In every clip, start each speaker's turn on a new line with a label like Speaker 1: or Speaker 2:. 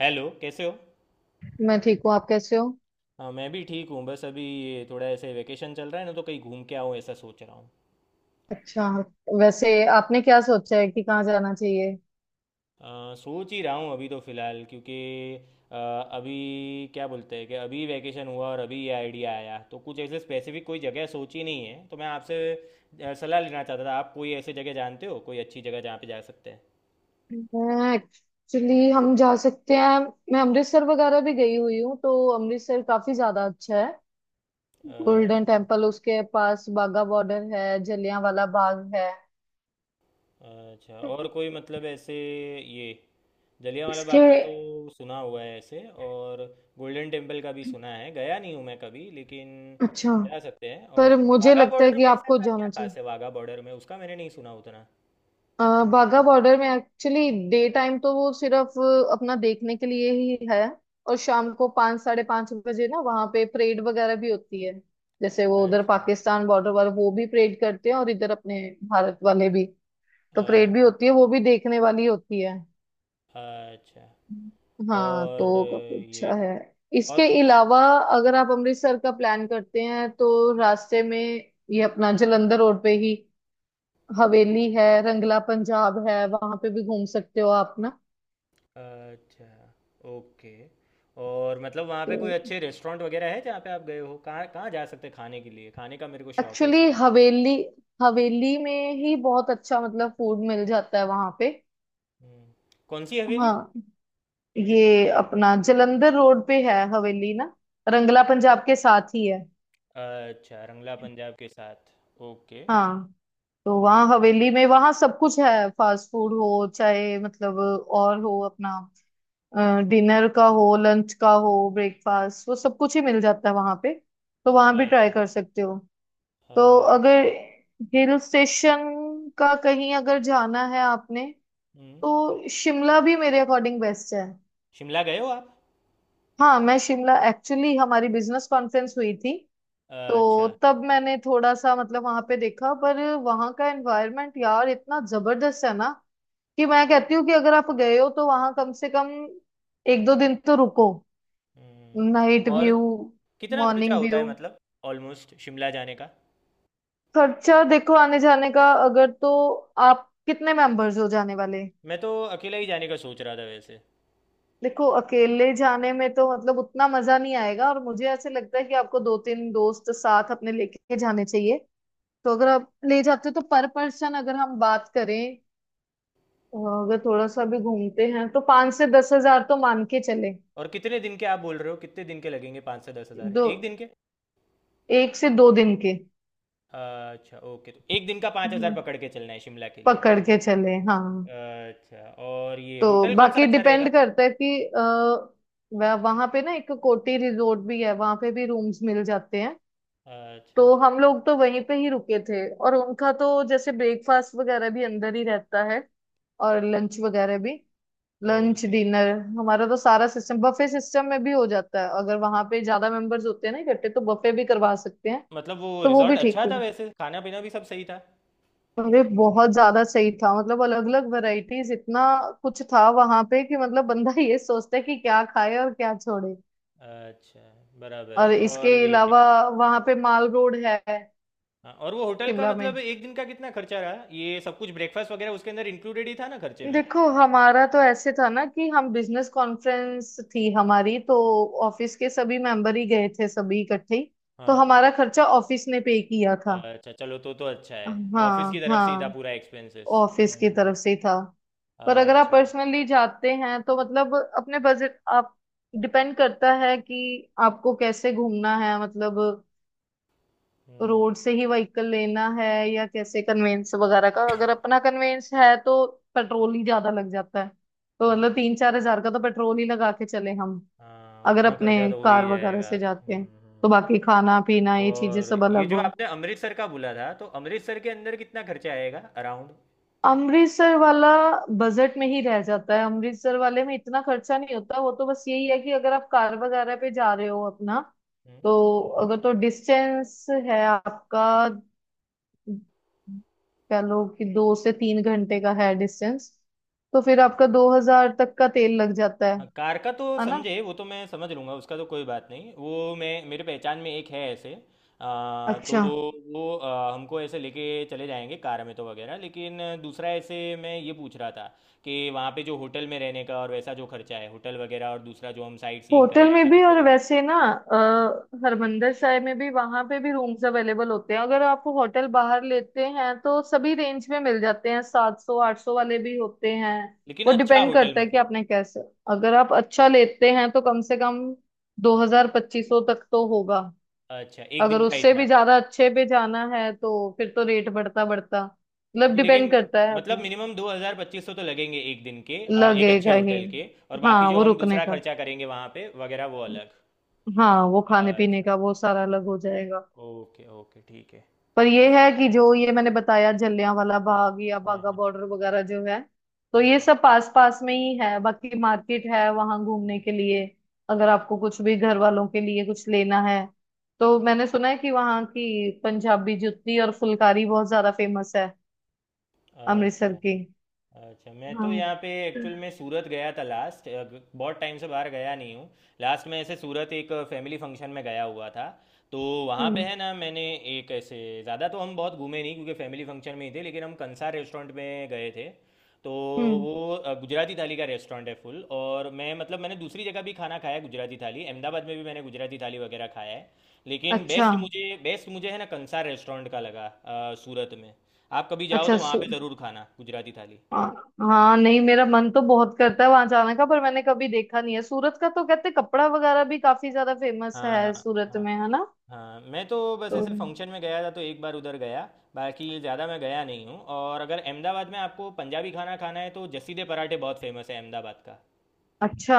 Speaker 1: Hello कैसे हो।
Speaker 2: मैं ठीक हूँ। आप कैसे हो?
Speaker 1: हाँ मैं भी ठीक हूँ। बस अभी ये थोड़ा ऐसे वेकेशन चल रहा है ना, तो कहीं घूम के आऊँ ऐसा सोच रहा हूँ।
Speaker 2: अच्छा, वैसे आपने क्या सोचा है कि कहाँ जाना चाहिए?
Speaker 1: सोच ही रहा हूँ अभी तो फ़िलहाल, क्योंकि अ, अभी क्या बोलते हैं कि अभी वेकेशन हुआ और अभी ये आइडिया आया, तो कुछ ऐसे स्पेसिफिक कोई जगह सोची नहीं है। तो मैं आपसे सलाह लेना चाहता था। आप कोई ऐसे जगह जानते हो कोई अच्छी जगह जहाँ पे जा सकते
Speaker 2: मैं एक्चुअली, हम जा सकते हैं। मैं अमृतसर वगैरह भी गई हुई हूँ, तो अमृतसर काफी ज्यादा अच्छा है। गोल्डन
Speaker 1: हैं?
Speaker 2: टेम्पल, उसके पास बाघा बॉर्डर है, जलियांवाला बाग है।
Speaker 1: अच्छा और कोई मतलब ऐसे ये? जलियांवाला
Speaker 2: इसके,
Speaker 1: बाग का तो सुना हुआ है ऐसे। और गोल्डन टेम्पल का भी सुना है, गया नहीं हूँ मैं कभी, लेकिन
Speaker 2: अच्छा,
Speaker 1: जा सकते हैं। और
Speaker 2: पर मुझे
Speaker 1: वाघा
Speaker 2: लगता है
Speaker 1: बॉर्डर
Speaker 2: कि
Speaker 1: में ऐसा
Speaker 2: आपको
Speaker 1: का क्या
Speaker 2: जाना चाहिए।
Speaker 1: खास है? वाघा बॉर्डर में उसका मैंने नहीं सुना उतना।
Speaker 2: बाघा बॉर्डर में एक्चुअली डे टाइम तो वो सिर्फ अपना देखने के लिए ही है। और शाम को 5, 5:30 बजे ना, वहाँ पे परेड वगैरह भी होती है। जैसे वो उधर
Speaker 1: अच्छा।
Speaker 2: पाकिस्तान बॉर्डर वाले वो भी परेड करते हैं और इधर अपने भारत वाले भी, तो परेड भी
Speaker 1: अच्छा।
Speaker 2: होती है, वो भी देखने वाली होती है।
Speaker 1: अच्छा
Speaker 2: हाँ,
Speaker 1: और
Speaker 2: तो काफी अच्छा
Speaker 1: ये?
Speaker 2: है।
Speaker 1: और
Speaker 2: इसके
Speaker 1: कुछ?
Speaker 2: अलावा, अगर आप अमृतसर का प्लान करते हैं तो रास्ते में ये अपना जालंधर रोड पे ही हवेली है, रंगला पंजाब है, वहां पे भी घूम सकते हो आप ना।
Speaker 1: अच्छा, ओके। और मतलब वहाँ पे
Speaker 2: तो
Speaker 1: कोई अच्छे रेस्टोरेंट वगैरह है जहाँ पे आप गए हो? कहाँ कहाँ जा सकते हैं खाने के लिए? खाने का मेरे को शौक है
Speaker 2: एक्चुअली
Speaker 1: इसलिए।
Speaker 2: हवेली, हवेली में ही बहुत अच्छा मतलब फूड मिल जाता है वहां पे।
Speaker 1: हम्म, कौन सी हवेली?
Speaker 2: हाँ, ये अपना जलंधर रोड पे है हवेली ना, रंगला पंजाब के साथ ही है।
Speaker 1: अच्छा, रंगला पंजाब के साथ। ओके।
Speaker 2: हाँ, तो वहाँ हवेली में, वहाँ सब कुछ है। फास्ट फूड हो चाहे मतलब और हो अपना, डिनर का हो, लंच का हो, ब्रेकफास्ट, वो सब कुछ ही मिल जाता है वहाँ पे। तो वहाँ भी ट्राई
Speaker 1: अच्छा।
Speaker 2: कर सकते हो। तो
Speaker 1: अच्छा।
Speaker 2: अगर हिल स्टेशन का कहीं अगर जाना है आपने,
Speaker 1: हम्म।
Speaker 2: तो शिमला भी मेरे अकॉर्डिंग बेस्ट है।
Speaker 1: शिमला गए हो आप?
Speaker 2: हाँ, मैं शिमला एक्चुअली हमारी बिजनेस कॉन्फ्रेंस हुई थी, तो
Speaker 1: अच्छा।
Speaker 2: तब मैंने थोड़ा सा मतलब वहां पे देखा। पर वहां का एनवायरनमेंट यार इतना जबरदस्त है ना, कि मैं कहती हूँ कि अगर आप गए हो तो वहां कम से कम 1, 2 दिन तो रुको। नाइट
Speaker 1: हम्म। और
Speaker 2: व्यू,
Speaker 1: कितना खर्चा
Speaker 2: मॉर्निंग
Speaker 1: होता
Speaker 2: व्यू।
Speaker 1: है मतलब ऑलमोस्ट शिमला जाने का?
Speaker 2: खर्चा देखो आने जाने का अगर तो, आप कितने मेंबर्स हो जाने वाले?
Speaker 1: मैं तो अकेला ही जाने का सोच रहा था वैसे।
Speaker 2: देखो अकेले जाने में तो मतलब उतना मजा नहीं आएगा, और मुझे ऐसे लगता है कि आपको 2, 3 दोस्त साथ अपने लेके जाने चाहिए। तो अगर आप ले जाते हो तो पर पर्सन अगर हम बात करें, अगर थोड़ा सा भी घूमते हैं तो 5 से 10 हज़ार तो मान के चले।
Speaker 1: और कितने दिन के आप बोल रहे हो? कितने दिन के लगेंगे 5 से 10 हज़ार,
Speaker 2: दो,
Speaker 1: एक दिन के?
Speaker 2: 1 से 2 दिन के।
Speaker 1: अच्छा ओके, तो एक दिन का 5 हज़ार
Speaker 2: हम्म,
Speaker 1: पकड़ के चलना है शिमला के लिए।
Speaker 2: पकड़ के चले, हाँ।
Speaker 1: अच्छा, और ये
Speaker 2: तो
Speaker 1: होटल कौन सा
Speaker 2: बाकी
Speaker 1: अच्छा रहेगा?
Speaker 2: डिपेंड करता है कि वहाँ पे ना एक कोटी रिजोर्ट भी है, वहां पे भी रूम्स मिल जाते हैं।
Speaker 1: अच्छा।
Speaker 2: तो हम लोग तो वहीं पे ही रुके थे, और उनका तो जैसे ब्रेकफास्ट वगैरह भी अंदर ही रहता है, और लंच वगैरह भी, लंच
Speaker 1: ओके।
Speaker 2: डिनर। हमारा तो सारा सिस्टम बफे सिस्टम में भी हो जाता है, अगर वहां पे ज्यादा मेंबर्स होते हैं ना इकट्ठे तो बफे भी करवा सकते हैं।
Speaker 1: मतलब वो
Speaker 2: तो वो भी
Speaker 1: रिजॉर्ट
Speaker 2: ठीक
Speaker 1: अच्छा
Speaker 2: है।
Speaker 1: था वैसे? खाना पीना भी सब सही था?
Speaker 2: अरे बहुत ज्यादा सही था, मतलब अलग अलग वैरायटीज, इतना कुछ था वहां पे कि मतलब बंदा ये सोचता है कि क्या खाए और क्या छोड़े।
Speaker 1: अच्छा, बराबर है।
Speaker 2: और इसके
Speaker 1: और ये?
Speaker 2: अलावा वहां पे माल रोड है।
Speaker 1: हाँ, और वो होटल का
Speaker 2: शिमला में,
Speaker 1: मतलब एक दिन का कितना खर्चा रहा? ये सब कुछ ब्रेकफास्ट वगैरह उसके अंदर इंक्लूडेड ही था ना खर्चे में?
Speaker 2: देखो हमारा तो ऐसे था ना कि हम बिजनेस कॉन्फ्रेंस थी हमारी, तो ऑफिस के सभी मेंबर ही गए थे, सभी इकट्ठे ही। तो
Speaker 1: हाँ।
Speaker 2: हमारा खर्चा ऑफिस ने पे किया था।
Speaker 1: अच्छा चलो, तो अच्छा है। ऑफिस की
Speaker 2: हाँ
Speaker 1: तरफ से ही था
Speaker 2: हाँ,
Speaker 1: पूरा एक्सपेंसेस।
Speaker 2: ऑफिस की
Speaker 1: हम्म।
Speaker 2: तरफ से ही था। पर अगर आप
Speaker 1: अच्छा।
Speaker 2: पर्सनली जाते हैं तो मतलब अपने बजट आप, डिपेंड करता है कि आपको कैसे घूमना है। मतलब
Speaker 1: हम्म,
Speaker 2: रोड से ही व्हीकल लेना है या कैसे, कन्वेंस वगैरह का अगर अपना कन्वेंस है तो पेट्रोल ही ज्यादा लग जाता है। तो
Speaker 1: हम्म,
Speaker 2: मतलब 3, 4 हज़ार का तो पेट्रोल ही लगा के चले हम,
Speaker 1: हाँ
Speaker 2: अगर
Speaker 1: उतना
Speaker 2: अपने
Speaker 1: खर्चा तो हो
Speaker 2: कार
Speaker 1: ही
Speaker 2: वगैरह
Speaker 1: जाएगा।
Speaker 2: से जाते हैं।
Speaker 1: हम्म,
Speaker 2: तो बाकी खाना पीना ये चीजें
Speaker 1: और
Speaker 2: सब
Speaker 1: ये
Speaker 2: अलग
Speaker 1: जो
Speaker 2: हो।
Speaker 1: आपने अमृतसर का बोला था तो अमृतसर के अंदर कितना खर्चा आएगा अराउंड?
Speaker 2: अमृतसर वाला बजट में ही रह जाता है। अमृतसर वाले में इतना खर्चा नहीं होता। वो तो बस यही है कि अगर आप कार वगैरह पे जा रहे हो अपना, तो अगर तो डिस्टेंस है आपका, कह लो कि 2 से 3 घंटे का है डिस्टेंस, तो फिर आपका 2 हज़ार तक का तेल लग जाता है।
Speaker 1: हाँ, कार का तो
Speaker 2: है ना?
Speaker 1: समझे, वो तो मैं समझ लूँगा, उसका तो कोई बात नहीं। वो मैं मेरे पहचान में एक है ऐसे। तो
Speaker 2: अच्छा,
Speaker 1: वो हमको ऐसे लेके चले जाएंगे कार में तो वगैरह, लेकिन दूसरा ऐसे मैं ये पूछ रहा था कि वहाँ पे जो होटल में रहने का और वैसा जो खर्चा है होटल वगैरह, और दूसरा जो हम साइट सीइंग करें
Speaker 2: होटल में
Speaker 1: ऐसा
Speaker 2: भी
Speaker 1: कुछ
Speaker 2: और
Speaker 1: करेंगे।
Speaker 2: वैसे ना, हरमंदर साहिब में भी वहां पे भी रूम्स अवेलेबल होते हैं। अगर आप होटल बाहर लेते हैं तो सभी रेंज में मिल जाते हैं, 700, 800 वाले भी होते हैं।
Speaker 1: लेकिन
Speaker 2: वो
Speaker 1: अच्छा
Speaker 2: डिपेंड
Speaker 1: होटल
Speaker 2: करता है कि
Speaker 1: मतलब?
Speaker 2: आपने कैसे, अगर आप अच्छा लेते हैं तो कम से कम 2 हज़ार, 2500 तक तो होगा।
Speaker 1: अच्छा एक
Speaker 2: अगर
Speaker 1: दिन का
Speaker 2: उससे
Speaker 1: इतना?
Speaker 2: भी ज्यादा अच्छे पे जाना है तो फिर तो रेट बढ़ता बढ़ता, मतलब
Speaker 1: नहीं,
Speaker 2: डिपेंड
Speaker 1: लेकिन
Speaker 2: करता है
Speaker 1: मतलब
Speaker 2: अपने।
Speaker 1: मिनिमम 2 हज़ार 2500 तो लगेंगे एक दिन के, एक अच्छे
Speaker 2: लगेगा ही।
Speaker 1: होटल के? और बाकी
Speaker 2: हाँ
Speaker 1: जो
Speaker 2: वो
Speaker 1: हम
Speaker 2: रुकने
Speaker 1: दूसरा
Speaker 2: का,
Speaker 1: खर्चा करेंगे वहाँ पे वगैरह, वो अलग?
Speaker 2: हाँ वो खाने पीने
Speaker 1: अच्छा।
Speaker 2: का, वो सारा अलग हो जाएगा।
Speaker 1: ओके ओके, ठीक है।
Speaker 2: पर ये है कि जो ये मैंने बताया, जलियांवाला बाग या
Speaker 1: हाँ
Speaker 2: बागा
Speaker 1: हाँ।
Speaker 2: बॉर्डर वगैरह जो है, तो
Speaker 1: हम्म,
Speaker 2: ये
Speaker 1: हम्म,
Speaker 2: सब पास पास में ही है। बाकी मार्केट है वहां घूमने के लिए, अगर आपको कुछ भी घर
Speaker 1: हम्म।
Speaker 2: वालों के लिए कुछ लेना है। तो मैंने सुना है कि वहाँ की पंजाबी जुत्ती और फुलकारी बहुत ज्यादा फेमस है
Speaker 1: हम्म।
Speaker 2: अमृतसर
Speaker 1: अच्छा।
Speaker 2: की।
Speaker 1: अच्छा। मैं तो
Speaker 2: हाँ।
Speaker 1: यहाँ पे एक्चुअल में सूरत गया था लास्ट। बहुत टाइम से बाहर गया नहीं हूँ। लास्ट में ऐसे सूरत एक फैमिली फंक्शन में गया हुआ था। तो वहाँ पे
Speaker 2: हम्म।
Speaker 1: है ना मैंने एक ऐसे, ज़्यादा तो हम बहुत घूमे नहीं क्योंकि फैमिली फंक्शन में ही थे, लेकिन हम कंसार रेस्टोरेंट में गए थे। तो
Speaker 2: हम्म।
Speaker 1: वो गुजराती थाली का रेस्टोरेंट है फुल। और मैं मतलब मैंने दूसरी जगह भी खाना खाया है, गुजराती थाली अहमदाबाद में भी मैंने गुजराती थाली वगैरह खाया है। लेकिन
Speaker 2: अच्छा।
Speaker 1: बेस्ट मुझे है ना कंसार रेस्टोरेंट का लगा सूरत में। आप कभी जाओ
Speaker 2: अच्छा।
Speaker 1: तो वहाँ पे ज़रूर खाना गुजराती थाली।
Speaker 2: हाँ। हाँ, नहीं मेरा मन तो बहुत करता है वहां जाने का, पर मैंने कभी देखा नहीं है सूरत का। तो कहते कपड़ा वगैरह भी काफी ज्यादा फेमस
Speaker 1: हाँ हाँ।
Speaker 2: है सूरत
Speaker 1: हाँ।
Speaker 2: में, है ना?
Speaker 1: हाँ मैं तो बस
Speaker 2: तो
Speaker 1: ऐसे फंक्शन में गया था तो एक बार उधर गया। बाकी ज़्यादा मैं गया नहीं हूँ। और अगर अहमदाबाद में आपको पंजाबी खाना खाना है तो जसीदे पराठे बहुत फेमस है अहमदाबाद का।
Speaker 2: अच्छा,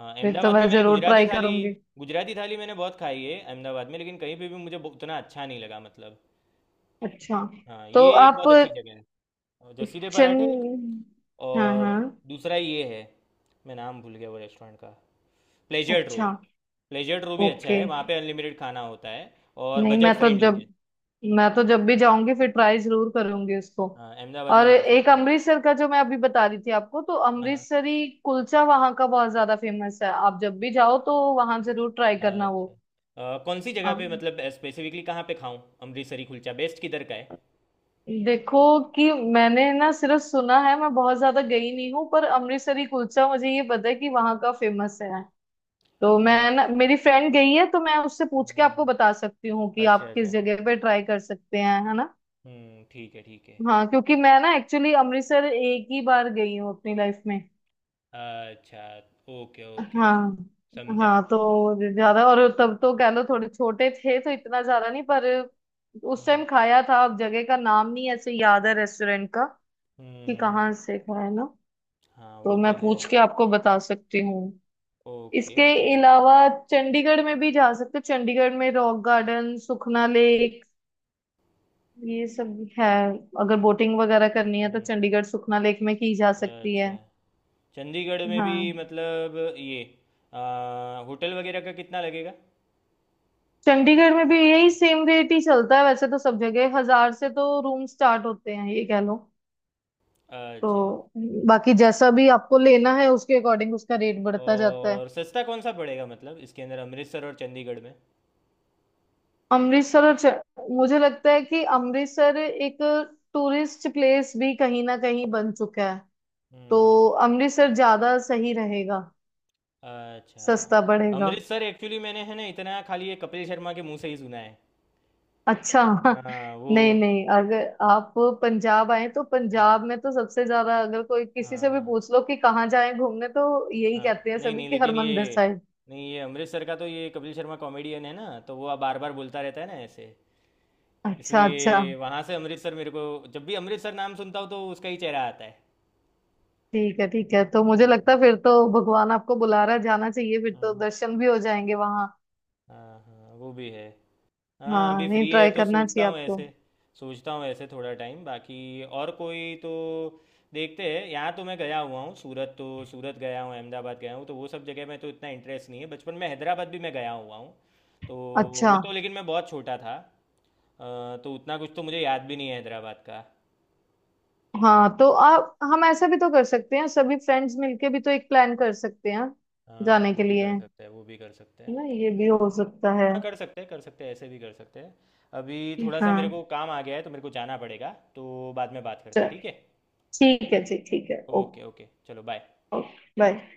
Speaker 1: हाँ,
Speaker 2: फिर तो
Speaker 1: अहमदाबाद में
Speaker 2: मैं
Speaker 1: मैंने
Speaker 2: जरूर
Speaker 1: गुजराती
Speaker 2: ट्राई
Speaker 1: थाली,
Speaker 2: करूंगी।
Speaker 1: गुजराती थाली मैंने बहुत खाई है अहमदाबाद में, लेकिन कहीं पे भी मुझे उतना अच्छा नहीं लगा मतलब।
Speaker 2: अच्छा,
Speaker 1: हाँ ये
Speaker 2: तो
Speaker 1: एक
Speaker 2: आप
Speaker 1: बहुत अच्छी जगह है। और जसीदे पराठे एक।
Speaker 2: चेन। हाँ हाँ।
Speaker 1: और दूसरा ये है, मैं नाम भूल गया वो रेस्टोरेंट का। प्लेजर ड्रो।
Speaker 2: अच्छा,
Speaker 1: प्लेजर ड्रो भी अच्छा
Speaker 2: ओके।
Speaker 1: है, वहाँ पे अनलिमिटेड खाना होता है। और
Speaker 2: नहीं, मैं
Speaker 1: बजट
Speaker 2: तो
Speaker 1: फ्रेंडली
Speaker 2: जब,
Speaker 1: है।
Speaker 2: मैं तो जब भी जाऊंगी फिर ट्राई जरूर करूंगी उसको।
Speaker 1: हाँ अहमदाबाद
Speaker 2: और
Speaker 1: में जा
Speaker 2: एक
Speaker 1: सकते हैं।
Speaker 2: अमृतसर का जो मैं अभी बता रही थी आपको, तो
Speaker 1: हाँ हाँ।
Speaker 2: अमृतसरी कुलचा वहां का बहुत ज्यादा फेमस है। आप जब भी जाओ तो वहां जरूर ट्राई करना वो।
Speaker 1: अच्छा, कौन सी जगह पे
Speaker 2: अम,
Speaker 1: मतलब स्पेसिफिकली कहाँ पे खाऊं? अमृतसरी कुलचा बेस्ट किधर का है?
Speaker 2: देखो, कि मैंने ना सिर्फ सुना है, मैं बहुत ज्यादा गई नहीं हूँ। पर अमृतसरी कुलचा मुझे ये पता है कि वहां का फेमस है। तो मैं ना,
Speaker 1: अच्छा।
Speaker 2: मेरी फ्रेंड गई है, तो मैं उससे पूछ के आपको
Speaker 1: हम्म,
Speaker 2: बता सकती हूँ कि
Speaker 1: अच्छा
Speaker 2: आप किस
Speaker 1: अच्छा।
Speaker 2: जगह पे ट्राई कर सकते हैं, है ना?
Speaker 1: हम्म, ठीक है ठीक है।
Speaker 2: हाँ, क्योंकि मैं ना एक्चुअली अमृतसर एक ही बार गई हूँ अपनी लाइफ में।
Speaker 1: अच्छा। Okay okay.
Speaker 2: हाँ।
Speaker 1: समझा।
Speaker 2: हाँ तो ज्यादा, और तब तो कह लो थोड़े छोटे थे तो इतना ज्यादा नहीं। पर उस
Speaker 1: हम्म,
Speaker 2: टाइम खाया था, अब जगह का नाम नहीं ऐसे याद है रेस्टोरेंट का, कि
Speaker 1: हम्म,
Speaker 2: कहाँ से खाया ना।
Speaker 1: हाँ वो
Speaker 2: तो मैं
Speaker 1: तो है।
Speaker 2: पूछ के आपको बता सकती हूँ। इसके
Speaker 1: ओके ठीक है।
Speaker 2: अलावा चंडीगढ़ में भी जा सकते हो। चंडीगढ़ में रॉक गार्डन, सुखना लेक, ये सब है। अगर बोटिंग वगैरह करनी है तो
Speaker 1: हम्म।
Speaker 2: चंडीगढ़ सुखना लेक में की जा सकती
Speaker 1: अच्छा।
Speaker 2: है।
Speaker 1: चंडीगढ़ में भी
Speaker 2: हाँ,
Speaker 1: मतलब ये होटल वगैरह का कितना लगेगा?
Speaker 2: चंडीगढ़ में भी यही सेम रेट ही चलता है। वैसे तो सब जगह हजार से तो रूम स्टार्ट होते हैं, ये कह लो।
Speaker 1: अच्छा।
Speaker 2: तो बाकी जैसा भी आपको लेना है उसके अकॉर्डिंग उसका रेट बढ़ता जाता है।
Speaker 1: और सस्ता कौन सा पड़ेगा मतलब इसके अंदर, अमृतसर और चंडीगढ़?
Speaker 2: अमृतसर और च- मुझे लगता है कि अमृतसर एक टूरिस्ट प्लेस भी कहीं ना कहीं बन चुका है। तो
Speaker 1: हम्म।
Speaker 2: अमृतसर ज्यादा सही रहेगा,
Speaker 1: अच्छा।
Speaker 2: सस्ता पड़ेगा।
Speaker 1: अमृतसर एक्चुअली मैंने है ना इतना खाली ये कपिल शर्मा के मुंह से ही सुना है।
Speaker 2: अच्छा।
Speaker 1: हाँ वो।
Speaker 2: नहीं नहीं, अगर आप पंजाब आए तो पंजाब में तो सबसे ज्यादा, अगर कोई किसी
Speaker 1: हाँ
Speaker 2: से भी
Speaker 1: हाँ।
Speaker 2: पूछ लो कि कहाँ जाएं घूमने, तो यही
Speaker 1: हाँ
Speaker 2: कहते हैं
Speaker 1: नहीं
Speaker 2: सभी
Speaker 1: नहीं
Speaker 2: कि
Speaker 1: लेकिन
Speaker 2: हरमंदिर
Speaker 1: ये,
Speaker 2: साहिब।
Speaker 1: नहीं ये अमृतसर का तो, ये कपिल शर्मा कॉमेडियन है ना तो वो बार बार बोलता रहता है ना ऐसे।
Speaker 2: अच्छा अच्छा।
Speaker 1: इसलिए वहाँ से अमृतसर मेरे को, जब भी अमृतसर नाम सुनता हूँ तो उसका ही चेहरा आता है।
Speaker 2: ठीक है ठीक है, तो मुझे लगता है फिर तो भगवान आपको बुला रहा है, जाना चाहिए, फिर तो
Speaker 1: हम्म,
Speaker 2: दर्शन भी हो जाएंगे वहां।
Speaker 1: हाँ हाँ वो भी है। हाँ अभी
Speaker 2: हाँ, नहीं
Speaker 1: फ्री है
Speaker 2: ट्राई
Speaker 1: तो
Speaker 2: करना
Speaker 1: सोचता
Speaker 2: चाहिए
Speaker 1: हूँ
Speaker 2: आपको।
Speaker 1: ऐसे। सोचता हूँ ऐसे थोड़ा टाइम बाकी। और कोई तो, देखते हैं। यहाँ तो मैं गया हुआ हूँ सूरत, तो सूरत गया हूँ, अहमदाबाद गया हूँ, तो वो सब जगह में तो इतना इंटरेस्ट नहीं है। बचपन में हैदराबाद भी मैं गया हुआ हूँ, तो
Speaker 2: अच्छा।
Speaker 1: वो तो लेकिन मैं बहुत छोटा था। तो उतना कुछ तो मुझे याद भी नहीं है हैदराबाद का।
Speaker 2: हाँ तो आप, हम ऐसा भी तो कर सकते हैं, सभी फ्रेंड्स मिलके भी तो एक प्लान कर सकते हैं
Speaker 1: हाँ
Speaker 2: जाने
Speaker 1: वो
Speaker 2: के
Speaker 1: भी
Speaker 2: लिए,
Speaker 1: कर
Speaker 2: है
Speaker 1: सकते हैं वो भी कर सकते हैं।
Speaker 2: ना? ये भी हो सकता है।
Speaker 1: हाँ कर सकते हैं ऐसे भी कर सकते हैं। अभी थोड़ा सा मेरे
Speaker 2: हाँ,
Speaker 1: को काम आ गया है तो मेरे को जाना पड़ेगा, तो बाद में बात करते हैं ठीक है?
Speaker 2: ठीक है जी, ठीक है,
Speaker 1: ओके
Speaker 2: ओके।
Speaker 1: ओके चलो बाय।
Speaker 2: Okay, bye.